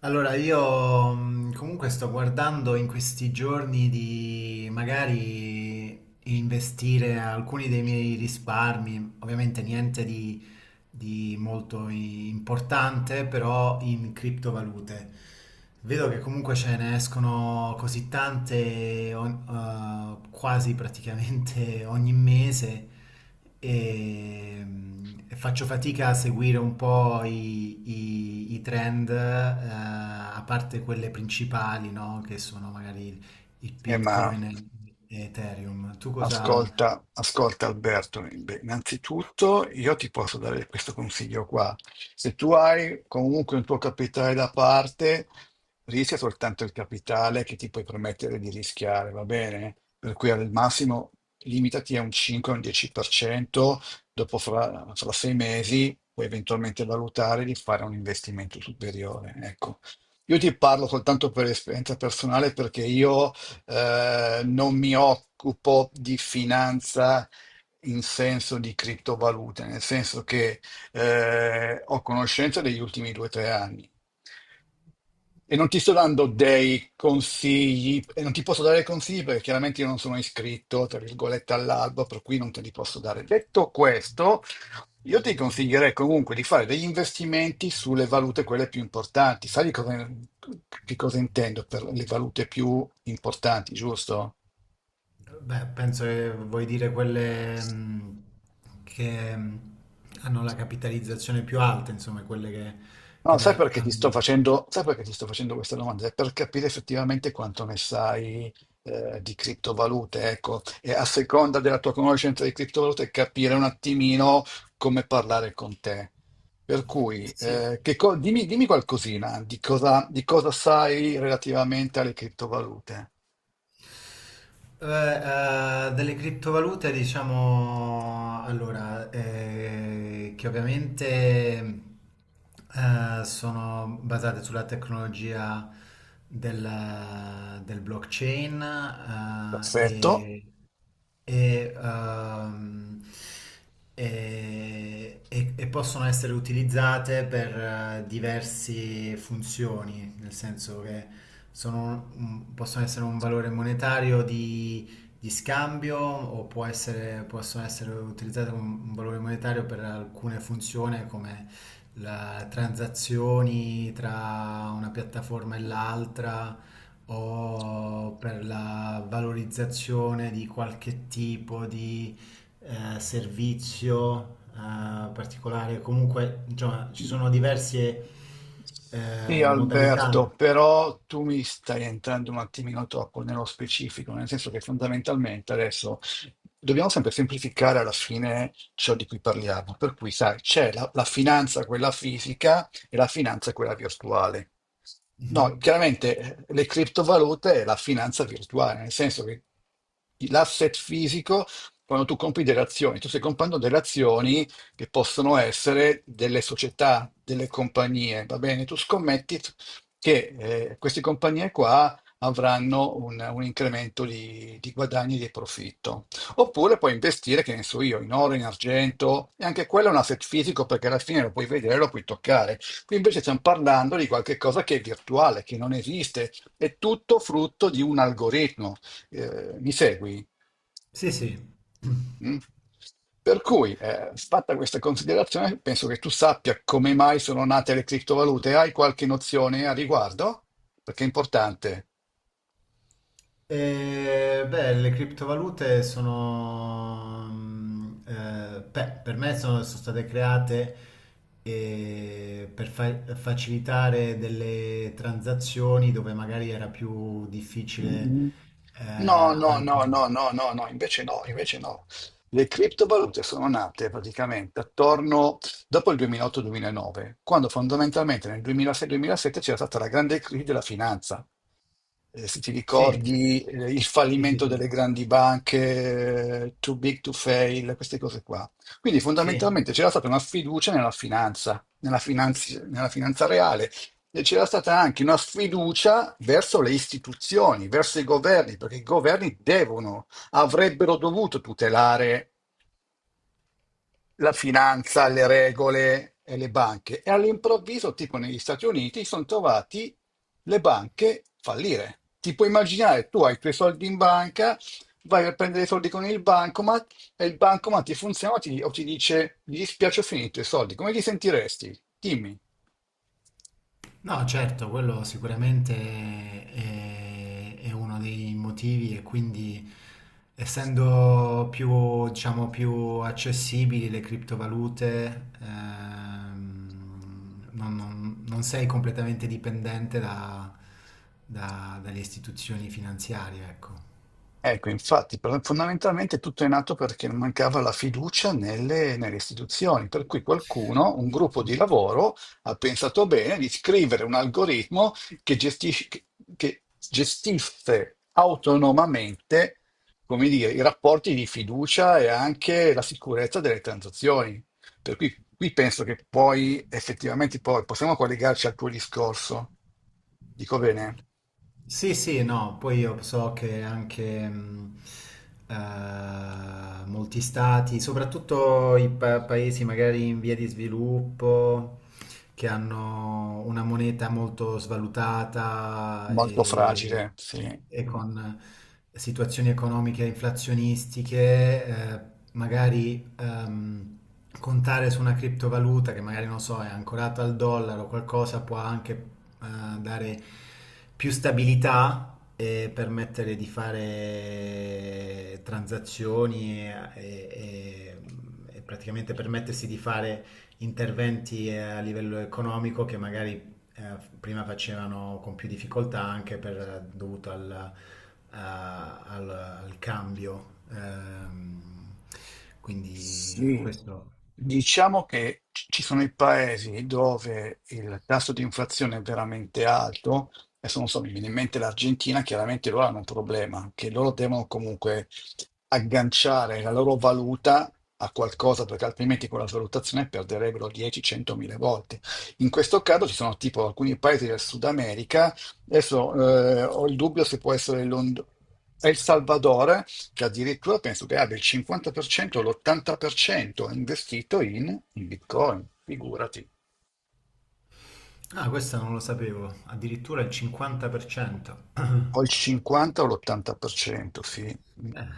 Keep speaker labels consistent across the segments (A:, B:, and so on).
A: Allora, io comunque sto guardando in questi giorni di magari investire alcuni dei miei risparmi, ovviamente niente di molto importante, però in criptovalute. Vedo che comunque ce ne escono così tante, quasi praticamente ogni mese, e faccio fatica a seguire un po' i trend, a parte quelle principali, no? Che sono magari il
B: Eh, ma
A: Bitcoin e Ethereum. Tu cosa...
B: ascolta Alberto, beh, innanzitutto io ti posso dare questo consiglio qua. Se tu hai comunque un tuo capitale da parte, rischia soltanto il capitale che ti puoi permettere di rischiare, va bene? Per cui al massimo limitati a un 5 o un 10%, dopo fra 6 mesi puoi eventualmente valutare di fare un investimento superiore. Ecco. Io ti parlo soltanto per esperienza personale perché io non mi occupo di finanza in senso di criptovalute, nel senso che ho conoscenza degli ultimi 2 o 3 anni. E non ti sto dando dei consigli, e non ti posso dare consigli perché chiaramente io non sono iscritto, tra virgolette, all'albo, per cui non te li posso dare. Detto questo, io ti consiglierei comunque di fare degli investimenti sulle valute quelle più importanti. Sai di cosa, che cosa intendo per le valute più importanti, giusto?
A: Beh, penso che vuoi dire quelle che hanno la capitalizzazione più alta, insomma, quelle che,
B: No, sai perché ti sto
A: hanno...
B: facendo, sai perché ti sto facendo questa domanda? È per capire effettivamente quanto ne sai di criptovalute, ecco, e a seconda della tua conoscenza di criptovalute capire un attimino come parlare con te. Per cui,
A: Sì.
B: dimmi, dimmi qualcosina di cosa sai relativamente alle criptovalute.
A: Delle criptovalute, diciamo, allora, che ovviamente sono basate sulla tecnologia del blockchain, eh,
B: Perfetto.
A: e, e, ehm, e possono essere utilizzate per diverse funzioni, nel senso che possono essere un valore monetario di scambio o possono essere utilizzate come un valore monetario per alcune funzioni come transazioni tra una piattaforma e l'altra o per la valorizzazione di qualche tipo di servizio particolare. Comunque, insomma, ci sono diverse
B: Sì,
A: modalità.
B: Alberto, però tu mi stai entrando un attimino troppo nello specifico, nel senso che fondamentalmente adesso dobbiamo sempre semplificare alla fine ciò di cui parliamo. Per cui, sai, c'è la finanza, quella fisica, e la finanza, quella virtuale. No,
A: Mhm.
B: chiaramente le criptovalute è la finanza virtuale, nel senso che l'asset fisico, quando tu compri delle azioni, tu stai comprando delle azioni che possono essere delle società, delle compagnie, va bene? Tu scommetti che queste compagnie qua avranno un incremento di guadagni e di profitto. Oppure puoi investire, che ne so io, in oro, in argento, e anche quello è un asset fisico perché alla fine lo puoi vedere, lo puoi toccare. Qui invece stiamo parlando di qualcosa che è virtuale, che non esiste, è tutto frutto di un algoritmo. Mi segui?
A: Sì, sì.
B: Mm? Per cui, fatta questa considerazione, penso che tu sappia come mai sono nate le criptovalute. Hai qualche nozione a riguardo? Perché è importante.
A: Le criptovalute sono, beh, per me sono state create per facilitare delle transazioni dove magari era più difficile,
B: Mm. No, no, no,
A: anche...
B: no, no, no, no, invece no, invece no. Le criptovalute sono nate praticamente attorno dopo il 2008-2009, quando fondamentalmente nel 2006-2007 c'era stata la grande crisi della finanza. Se ti
A: Sì,
B: ricordi, il
A: sì, sì,
B: fallimento
A: sì.
B: delle grandi banche, too big to fail, queste cose qua. Quindi
A: Sì.
B: fondamentalmente c'era stata una fiducia nella finanza, nella finanza reale e c'era stata anche una sfiducia verso le istituzioni, verso i governi, perché i governi devono, avrebbero dovuto tutelare la finanza, le regole e le banche. E all'improvviso, tipo negli Stati Uniti, sono trovati le banche fallire. Ti puoi immaginare, tu hai i tuoi soldi in banca, vai a prendere i soldi con il bancomat e il bancomat ti funziona o ti dice, mi dispiace, ho finito i soldi. Come ti sentiresti? Dimmi.
A: No, certo, quello sicuramente è uno dei motivi e quindi essendo più, diciamo, più accessibili le criptovalute, non sei completamente dipendente dalle istituzioni finanziarie, ecco.
B: Ecco, infatti, pro fondamentalmente tutto è nato perché mancava la fiducia nelle istituzioni, per cui qualcuno, un gruppo di lavoro, ha pensato bene di scrivere un algoritmo che gestisce che gestisse autonomamente, come dire, i rapporti di fiducia e anche la sicurezza delle transazioni. Per cui qui penso che poi effettivamente poi possiamo collegarci al tuo discorso, dico bene?
A: Sì, sì, no, poi io so che anche molti stati, soprattutto i paesi magari in via di sviluppo, che hanno una moneta molto svalutata
B: Molto fragile, sì.
A: e
B: Mh.
A: con situazioni economiche inflazionistiche, magari contare su una criptovaluta che magari non so, è ancorata al dollaro o qualcosa può anche dare più stabilità. E permettere di fare transazioni e praticamente permettersi di fare interventi a livello economico che magari prima facevano con più difficoltà anche per, dovuto al cambio. Quindi
B: Sì.
A: questo...
B: Diciamo che ci sono i paesi dove il tasso di inflazione è veramente alto, adesso non so, mi viene in mente l'Argentina, chiaramente loro hanno un problema, che loro devono comunque agganciare la loro valuta a qualcosa, perché altrimenti con la valutazione perderebbero 10-100 mila volte. In questo caso ci sono tipo alcuni paesi del Sud America, adesso ho il dubbio se può essere El Salvador, che addirittura penso che abbia il 50%, l'80% investito in Bitcoin, figurati.
A: Ah, questo non lo sapevo, addirittura il 50%.
B: O il 50 o l'80%, sì.
A: Eh,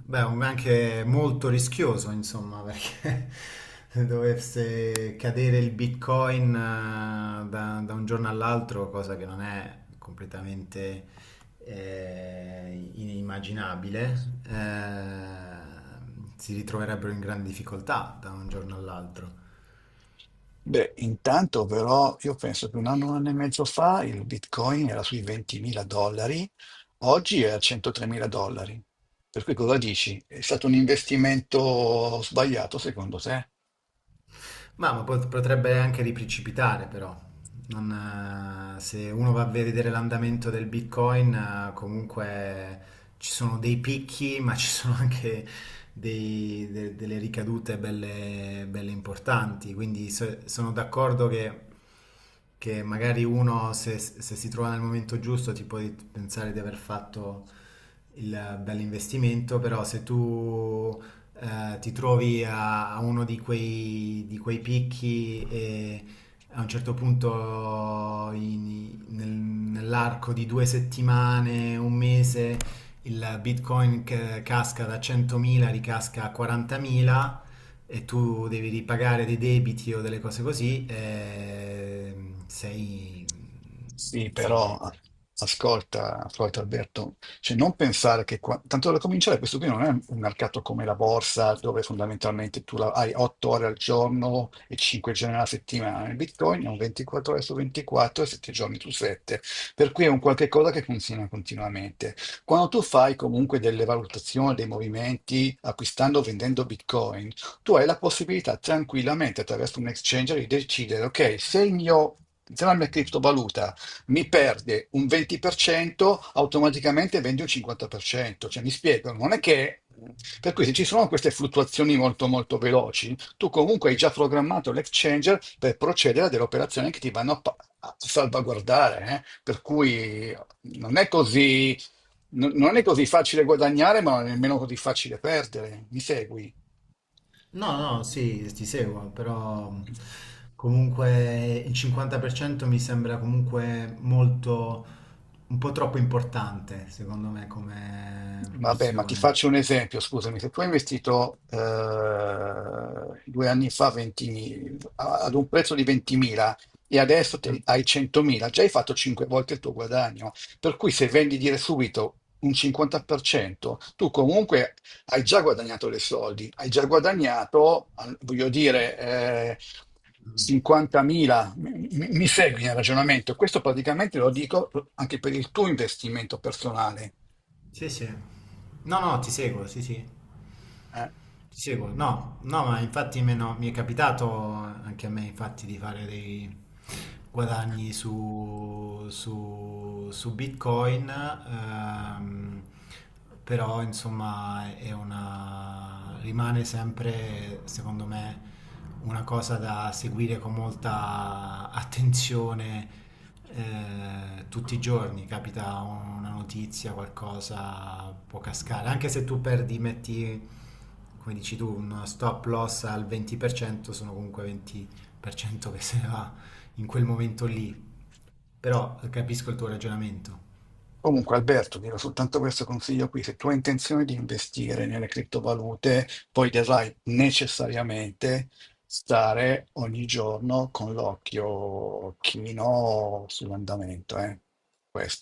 A: Beh, anche molto rischioso, insomma, perché se dovesse cadere il Bitcoin, da un giorno all'altro, cosa che non è completamente inimmaginabile, eh, si ritroverebbero in grande difficoltà da un giorno all'altro.
B: Beh, intanto però io penso che un anno e mezzo fa il Bitcoin era sui 20.000 dollari, oggi è a 103.000 dollari. Per cui cosa dici? È stato un investimento sbagliato secondo te?
A: Ma, potrebbe anche riprecipitare però. Non, Se uno va a vedere l'andamento del Bitcoin, comunque ci sono dei picchi, ma ci sono anche delle ricadute belle, belle importanti. Quindi sono d'accordo che magari uno, se si trova nel momento giusto, ti può pensare di aver fatto il bell'investimento, però se tu a uno di quei picchi e a un certo punto nell'arco di due settimane, un mese, il Bitcoin che casca da 100.000 ricasca a 40.000 e tu devi ripagare dei debiti o delle cose così,
B: Sì,
A: sei in
B: però
A: difficoltà.
B: ascolta, Floyd Alberto, cioè non pensare che tanto da cominciare questo qui non è un mercato come la borsa dove fondamentalmente hai 8 ore al giorno e 5 giorni alla settimana. Il Bitcoin è un 24 ore su 24 e 7 giorni su 7, per cui è un qualche cosa che funziona continuamente. Quando tu fai comunque delle valutazioni, dei movimenti acquistando o vendendo Bitcoin, tu hai la possibilità tranquillamente attraverso un exchanger di decidere, ok, se il mio se la mia criptovaluta mi perde un 20%, automaticamente vende un 50%. Cioè, mi spiego, non è che... Per cui se ci sono queste fluttuazioni molto molto veloci, tu comunque hai già programmato l'exchanger per procedere a delle operazioni che ti vanno a salvaguardare, eh. Per cui non è così, non è così facile guadagnare, ma nemmeno così facile perdere. Mi segui?
A: No, no, no, sì, ti seguo, però comunque il 50% mi sembra comunque molto, un po' troppo importante, secondo me, come
B: Vabbè, ma ti
A: proporzione.
B: faccio un esempio, scusami, se tu hai investito 2 anni fa ad un prezzo di 20.000 e adesso
A: Mm,
B: hai 100.000, già hai fatto 5 volte il tuo guadagno, per cui se vendi dire subito un 50%, tu comunque hai già guadagnato dei soldi, hai già guadagnato, voglio dire,
A: mm.
B: 50.000, mi segui nel ragionamento? Questo praticamente lo dico anche per il tuo investimento personale.
A: Sì, sì. No, no, ti seguo, sì, sì.
B: Eh,
A: Ti seguo. No, no, ma infatti me no- mi è capitato anche a me infatti di fare dei guadagni su Bitcoin, però insomma rimane sempre, secondo me, una cosa da seguire con molta attenzione. Eh, tutti i giorni capita una notizia, qualcosa può cascare, anche se tu perdi, metti come dici tu, un stop loss al 20%, sono comunque 20% che se ne va in quel momento lì. Però capisco il tuo ragionamento.
B: Comunque, Alberto, ti do soltanto questo consiglio qui. Se tu hai intenzione di investire nelle criptovalute, poi dovrai necessariamente stare ogni giorno con l'occhio chino sull'andamento, eh. Questo.